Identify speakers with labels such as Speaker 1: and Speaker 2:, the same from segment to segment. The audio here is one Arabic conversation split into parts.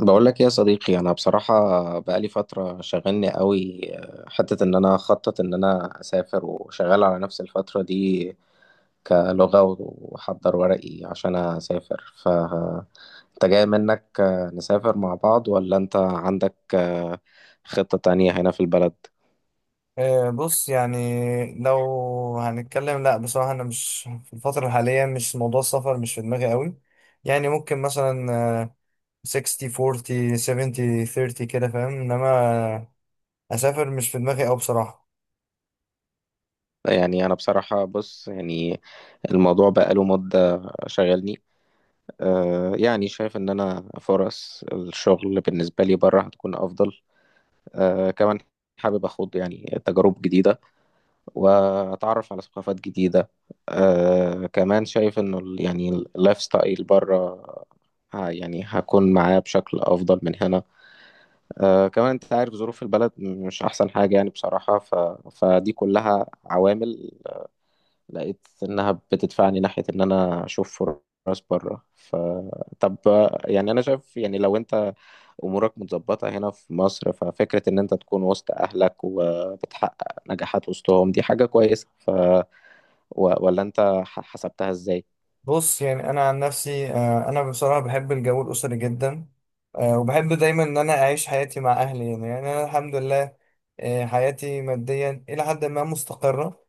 Speaker 1: بقول لك إيه يا صديقي، انا بصراحه بقالي فتره شغلني قوي. حته ان انا اخطط ان انا اسافر وشغال على نفس الفتره دي كلغه واحضر ورقي عشان اسافر. انت جاي منك نسافر مع بعض ولا انت عندك خطه تانية هنا في البلد؟
Speaker 2: بص يعني لو هنتكلم، لا بصراحة أنا مش في الفترة الحالية، مش موضوع السفر مش في دماغي قوي. يعني ممكن مثلا آه، 60 40 70 30 كده، فاهم؟ إنما أسافر مش في دماغي أوي بصراحة.
Speaker 1: يعني انا بصراحه بص يعني الموضوع بقاله مده شغلني. يعني شايف ان انا فرص الشغل بالنسبه لي بره هتكون افضل. كمان حابب أخوض يعني تجارب جديدة وأتعرف على ثقافات جديدة. كمان شايف إنه يعني اللايف ستايل بره يعني هكون معاه بشكل أفضل من هنا. كمان أنت عارف ظروف البلد مش أحسن حاجة يعني بصراحة، فدي كلها عوامل لقيت إنها بتدفعني ناحية إن أنا أشوف فرص بره. طب يعني أنا شايف يعني لو أنت امورك متظبطه هنا في مصر ففكره ان انت تكون وسط اهلك وبتحقق نجاحات وسطهم دي حاجه كويسه. ولا انت حسبتها ازاي؟
Speaker 2: بص يعني أنا عن نفسي، أنا بصراحة بحب الجو الأسري جدا. وبحب دايما إن أنا أعيش حياتي مع أهلي. يعني أنا الحمد لله. حياتي ماديا إلى حد ما مستقرة.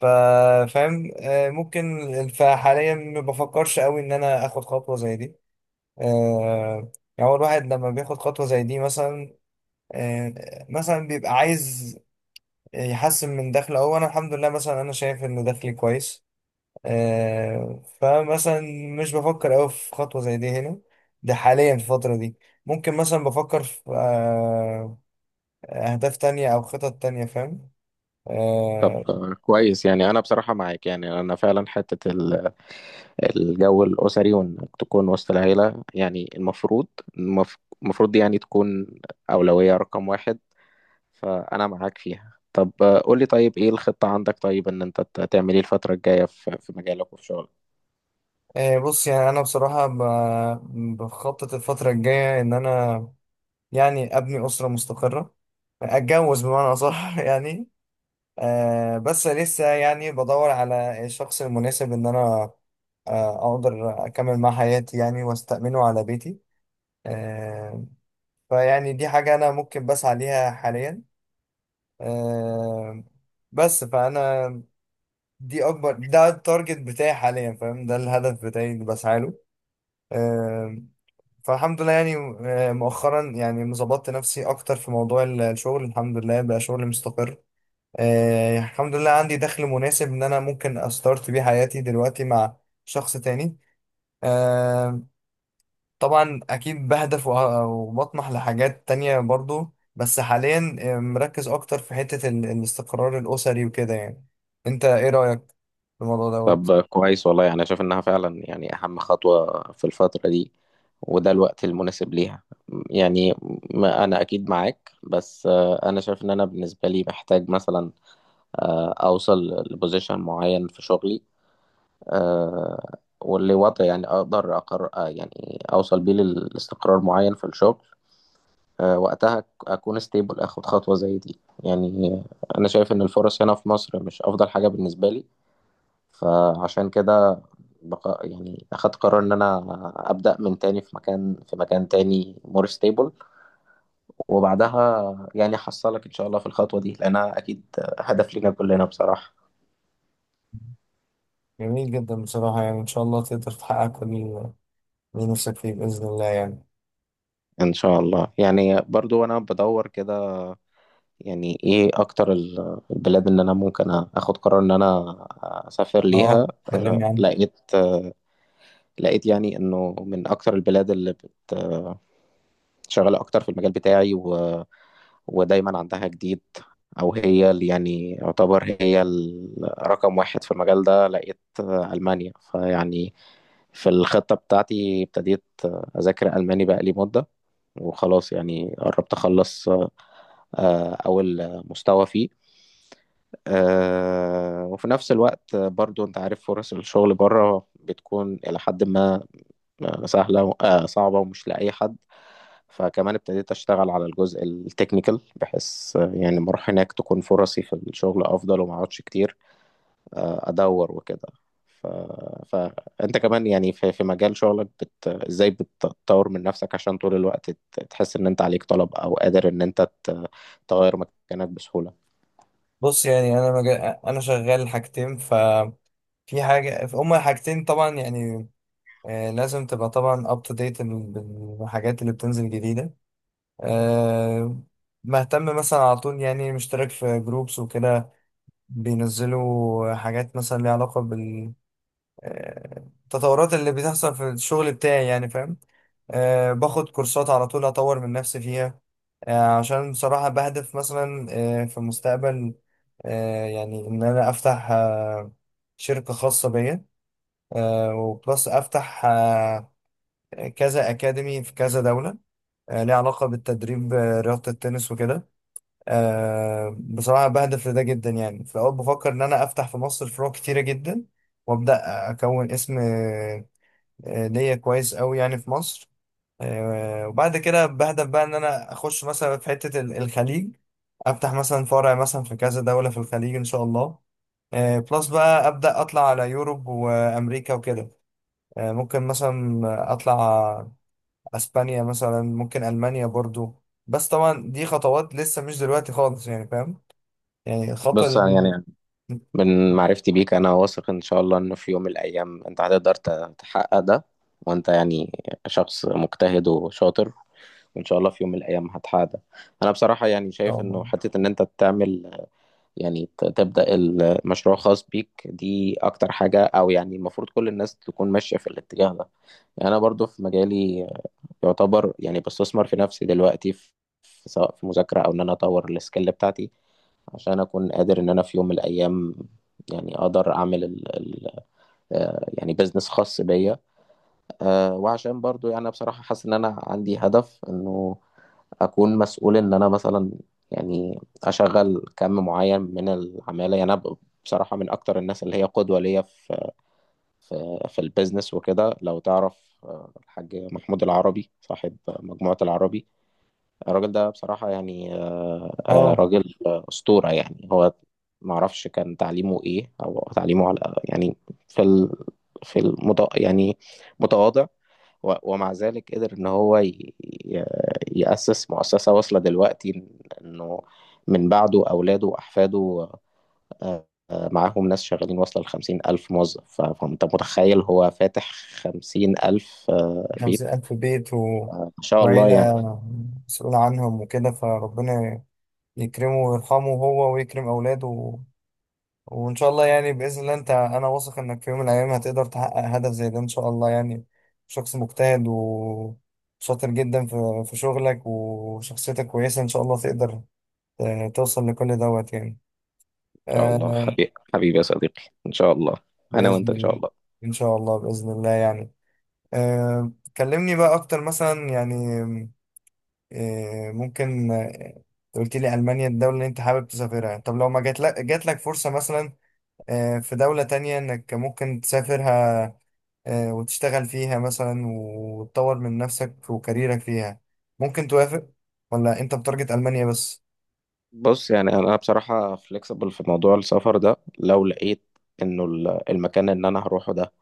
Speaker 2: فاهم. ممكن، فحاليا ما بفكرش قوي ان انا اخد خطوه زي دي. آه، يعني هو الواحد لما بياخد خطوه زي دي مثلا، آه، مثلا بيبقى عايز يحسن من دخله، او انا الحمد لله، مثلا انا شايف ان دخلي كويس. فمثلا مش بفكر قوي في خطوه زي دي هنا، ده حاليا في الفتره دي. ممكن مثلا بفكر في اهداف تانية او خطط تانية، فاهم؟
Speaker 1: طب
Speaker 2: آه،
Speaker 1: كويس يعني انا بصراحه معاك، يعني انا فعلا حته الجو الاسري وانك تكون وسط العيله يعني المفروض المف- المفروض دي يعني تكون اولويه رقم واحد، فانا معاك فيها. طب قولي طيب ايه الخطه عندك؟ طيب ان انت تعمل ايه الفتره الجايه في مجالك وفي شغلك؟
Speaker 2: بص يعني انا بصراحه بخطط الفتره الجايه ان انا يعني ابني اسره مستقره، اتجوز بمعنى اصح يعني. بس لسه يعني بدور على الشخص المناسب ان انا اقدر اكمل مع حياتي يعني، واستأمنه على بيتي. آه، فيعني دي حاجة انا ممكن بسعى ليها حاليا. آه، بس فانا دي اكبر، ده التارجت بتاعي حاليا، فاهم؟ ده الهدف بتاعي اللي بسعى له. آه، فالحمد لله يعني. مؤخرا يعني ظبطت نفسي اكتر في موضوع الشغل، الحمد لله بقى شغل مستقر. الحمد لله عندي دخل مناسب ان انا ممكن استارت بيه حياتي دلوقتي مع شخص تاني. آه، طبعا اكيد بهدف وبطمح لحاجات تانية برضو، بس حاليا مركز اكتر في حتة الاستقرار الاسري وكده يعني. انت ايه رأيك في الموضوع دوت؟
Speaker 1: طب كويس والله، يعني شايف انها فعلا يعني اهم خطوة في الفترة دي وده الوقت المناسب ليها يعني. ما انا اكيد معاك بس انا شايف ان انا بالنسبة لي محتاج مثلا اوصل لبوزيشن معين في شغلي، واللي وضع يعني اقدر اقرر يعني اوصل بيه للاستقرار معين في الشغل. وقتها اكون ستيبل اخد خطوة زي دي يعني. انا شايف ان الفرص هنا في مصر مش افضل حاجة بالنسبة لي، فعشان كده يعني اخدت قرار ان انا ابدا من تاني في مكان تاني مور ستيبل، وبعدها يعني احصلك ان شاء الله في الخطوه دي لانها اكيد هدف لينا كلنا بصراحه.
Speaker 2: جميل جدا بصراحة، يعني ان شاء الله تقدر تحقق كل اللي نفسك فيه بإذن الله يعني.
Speaker 1: ان شاء الله يعني. برضو انا بدور كده يعني ايه اكتر البلاد اللي انا ممكن اخد قرار ان انا اسافر ليها.
Speaker 2: اه، كلمني عنه.
Speaker 1: لقيت يعني انه من اكتر البلاد اللي شغالة أكتر في المجال بتاعي ودايما عندها جديد، أو هي اللي يعني يعتبر هي رقم واحد في المجال ده، لقيت ألمانيا. فيعني في الخطة بتاعتي ابتديت أذاكر ألماني بقالي مدة وخلاص يعني قربت أخلص أول مستوى فيه. وفي نفس الوقت برضو أنت عارف فرص الشغل بره بتكون إلى حد ما سهلة، صعبة ومش لأي حد. فكمان ابتديت أشتغل على الجزء التكنيكال بحيث يعني ما أروح هناك تكون فرصي في الشغل أفضل وما أقعدش كتير أدور وكده. ف... فأنت كمان يعني في مجال شغلك إزاي بتطور من نفسك عشان طول الوقت تحس إن أنت عليك طلب أو قادر إن أنت تغير مكانك بسهولة؟
Speaker 2: بص يعني انا شغال حاجتين، ففي حاجه، هما حاجتين طبعا يعني. لازم تبقى طبعا اب تو ديت بالحاجات اللي بتنزل جديده. آه مهتم مثلا على طول، يعني مشترك في جروبس وكده، بينزلوا حاجات مثلا ليها علاقه التطورات اللي بتحصل في الشغل بتاعي، يعني فاهم. باخد كورسات على طول أطور من نفسي فيها. عشان بصراحة بهدف مثلا في المستقبل، يعني إن أنا أفتح شركة خاصة بيا، وبلس أفتح كذا أكاديمي في كذا دولة، ليها علاقة بالتدريب، رياضة التنس وكده. بصراحة بهدف لده جدا، يعني في الأول بفكر إن أنا أفتح في مصر فروع كتيرة جدا، وأبدأ أكون اسم ليا كويس قوي يعني في مصر. وبعد كده بهدف بقى ان انا اخش مثلا في حتة الخليج، افتح مثلا فرع مثلا في كذا دولة في الخليج ان شاء الله. بلس بقى ابدا اطلع على يوروب وامريكا وكده. ممكن مثلا اطلع اسبانيا مثلا، ممكن المانيا برضو، بس طبعا دي خطوات لسه مش دلوقتي خالص، يعني فاهم. يعني الخطوة
Speaker 1: بص
Speaker 2: اللي
Speaker 1: يعني
Speaker 2: ان
Speaker 1: من معرفتي بيك انا واثق ان شاء الله انه في يوم من الايام انت هتقدر تحقق ده، وانت يعني شخص مجتهد وشاطر، وان شاء الله في يوم من الايام هتحقق ده. انا بصراحة يعني
Speaker 2: شاء
Speaker 1: شايف انه
Speaker 2: الله.
Speaker 1: حتة ان انت تعمل يعني تبدأ المشروع خاص بيك دي اكتر حاجة، او يعني المفروض كل الناس تكون ماشية في الاتجاه ده. يعني انا برضو في مجالي يعتبر يعني بستثمر في نفسي دلوقتي في، سواء في مذاكرة او ان انا اطور السكيل بتاعتي، عشان اكون قادر ان انا في يوم من الايام يعني اقدر اعمل ال ال يعني بزنس خاص بيا. وعشان برضو يعني أنا بصراحة حاسس ان انا عندي هدف انه اكون مسؤول ان انا مثلا يعني اشغل كم معين من العمالة. يعني انا بصراحة من اكتر الناس اللي هي قدوة ليا في في البيزنس وكده، لو تعرف الحاج محمود العربي صاحب مجموعة العربي. الراجل ده بصراحة يعني
Speaker 2: اه،
Speaker 1: راجل أسطورة يعني. هو معرفش كان تعليمه إيه أو تعليمه على يعني، في ال... في المت... يعني متواضع، ومع ذلك قدر إن هو يأسس مؤسسة واصلة دلوقتي إنه من بعده أولاده وأحفاده معاهم ناس شغالين واصلة لـ50,000 موظف. فأنت متخيل هو فاتح 50,000
Speaker 2: خمسين
Speaker 1: بيت.
Speaker 2: ألف بيت
Speaker 1: ما شاء الله يعني.
Speaker 2: وعيلة مسؤول عنهم وكده، فربنا يكرمه ويرحمه، هو ويكرم أولاده وإن شاء الله يعني بإذن الله. أنت، أنا واثق إنك في يوم من الأيام هتقدر تحقق هدف زي ده إن شاء الله يعني. شخص مجتهد وشاطر جدا في شغلك، وشخصيتك كويسة إن شاء الله تقدر توصل لكل دوت يعني.
Speaker 1: شاء الله
Speaker 2: آه
Speaker 1: حبيبي حبيبي يا صديقي، ان شاء الله. انا وانت
Speaker 2: بإذن
Speaker 1: ان
Speaker 2: الله.
Speaker 1: شاء الله.
Speaker 2: إن شاء الله بإذن الله يعني. آه كلمني بقى أكتر مثلا يعني، إيه، ممكن انت قلت لي ألمانيا الدولة اللي أنت حابب تسافرها. طب لو ما جات لك فرصة مثلا في دولة تانية إنك ممكن تسافرها، وتشتغل فيها مثلا وتطور من نفسك وكاريرك فيها، ممكن توافق؟ ولا أنت بتارجت ألمانيا بس؟
Speaker 1: بص يعني انا بصراحه فليكسبل في موضوع السفر ده، لو لقيت انه المكان اللي انا هروحه ده،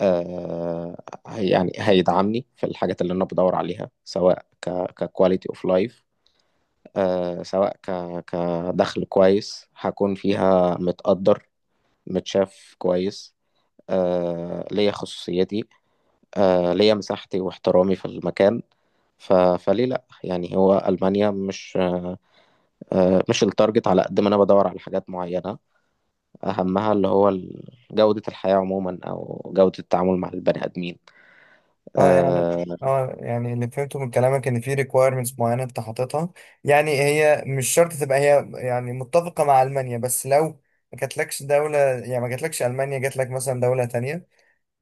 Speaker 1: يعني هيدعمني في الحاجات اللي انا بدور عليها، سواء ككواليتي اوف لايف، سواء كدخل كويس هكون فيها متقدر متشاف كويس، ليا خصوصيتي، ليا مساحتي واحترامي في المكان. فليه لا يعني. هو ألمانيا مش مش التارجت، على قد ما أنا بدور على حاجات معينة أهمها اللي هو جودة الحياة عموما أو جودة التعامل مع البني آدمين.
Speaker 2: اه يعني
Speaker 1: آه
Speaker 2: اه، يعني اللي فهمته من كلامك ان في ريكويرمنتس معينه انت حاططها. يعني هي مش شرط تبقى هي يعني متفقه مع المانيا، بس لو ما جاتلكش المانيا، جاتلك مثلا دوله تانية،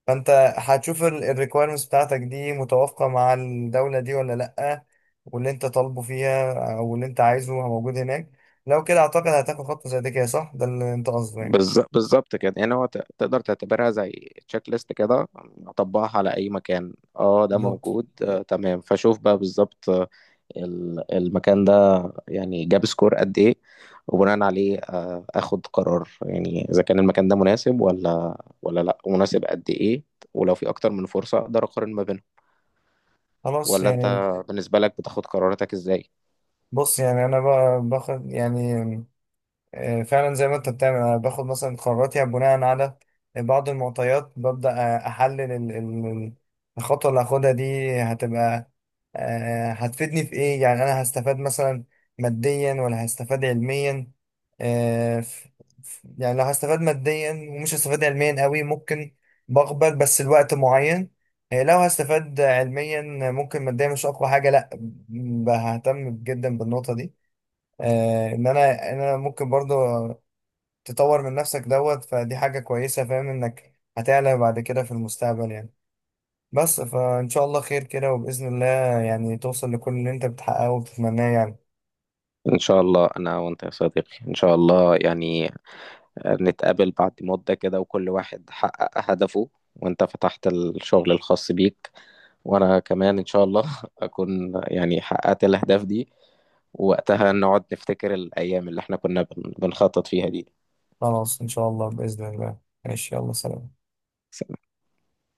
Speaker 2: فانت هتشوف الريكويرمنتس بتاعتك دي متوافقة مع الدولة دي ولا لأ، واللي انت طالبه فيها او اللي انت عايزه موجود هناك. لو كده اعتقد هتاخد خطوة زي دي، كده صح؟ ده اللي انت قصده يعني.
Speaker 1: بالظبط كده، يعني هو تقدر تعتبرها زي تشيك ليست كده، أطبقها على أي مكان، ده
Speaker 2: بالظبط.
Speaker 1: موجود، تمام. فشوف بقى بالظبط المكان ده يعني جاب سكور قد ايه، وبناء عليه اخد قرار، يعني اذا كان المكان ده مناسب ولا لا ومناسب قد ايه، ولو في اكتر من فرصة اقدر اقارن ما بينهم.
Speaker 2: خلاص
Speaker 1: ولا انت
Speaker 2: يعني.
Speaker 1: بالنسبة لك بتاخد قراراتك ازاي؟
Speaker 2: بص يعني انا بقى باخد يعني، فعلا زي ما انت بتعمل، انا باخد مثلا قراراتي بناء على بعض المعطيات. ببدأ احلل الخطوة اللي هاخدها دي، هتبقى هتفيدني في ايه؟ يعني انا هستفاد مثلا ماديا ولا هستفاد علميا. آه، ف- يعني لو هستفاد ماديا ومش هستفاد علميا قوي، ممكن بقبل بس لوقت معين. لو هستفاد علميا ممكن ماديا مش اقوى حاجة، لا، ههتم جدا بالنقطة دي. ان انا ممكن برضو تطور من نفسك دوت، فدي حاجة كويسة. فاهم انك هتعلى بعد كده في المستقبل يعني. بس فان شاء الله خير كده وبإذن الله، يعني توصل لكل اللي انت بتحققه وبتتمناه يعني.
Speaker 1: ان شاء الله انا وانت يا صديقي، ان شاء الله يعني نتقابل بعد مدة كده وكل واحد حقق هدفه، وانت فتحت الشغل الخاص بيك وانا كمان ان شاء الله اكون يعني حققت الاهداف دي، ووقتها نقعد نفتكر الايام اللي احنا كنا بنخطط فيها دي.
Speaker 2: خلاص ان شاء الله بإذن الله. ماشي، يلا سلام.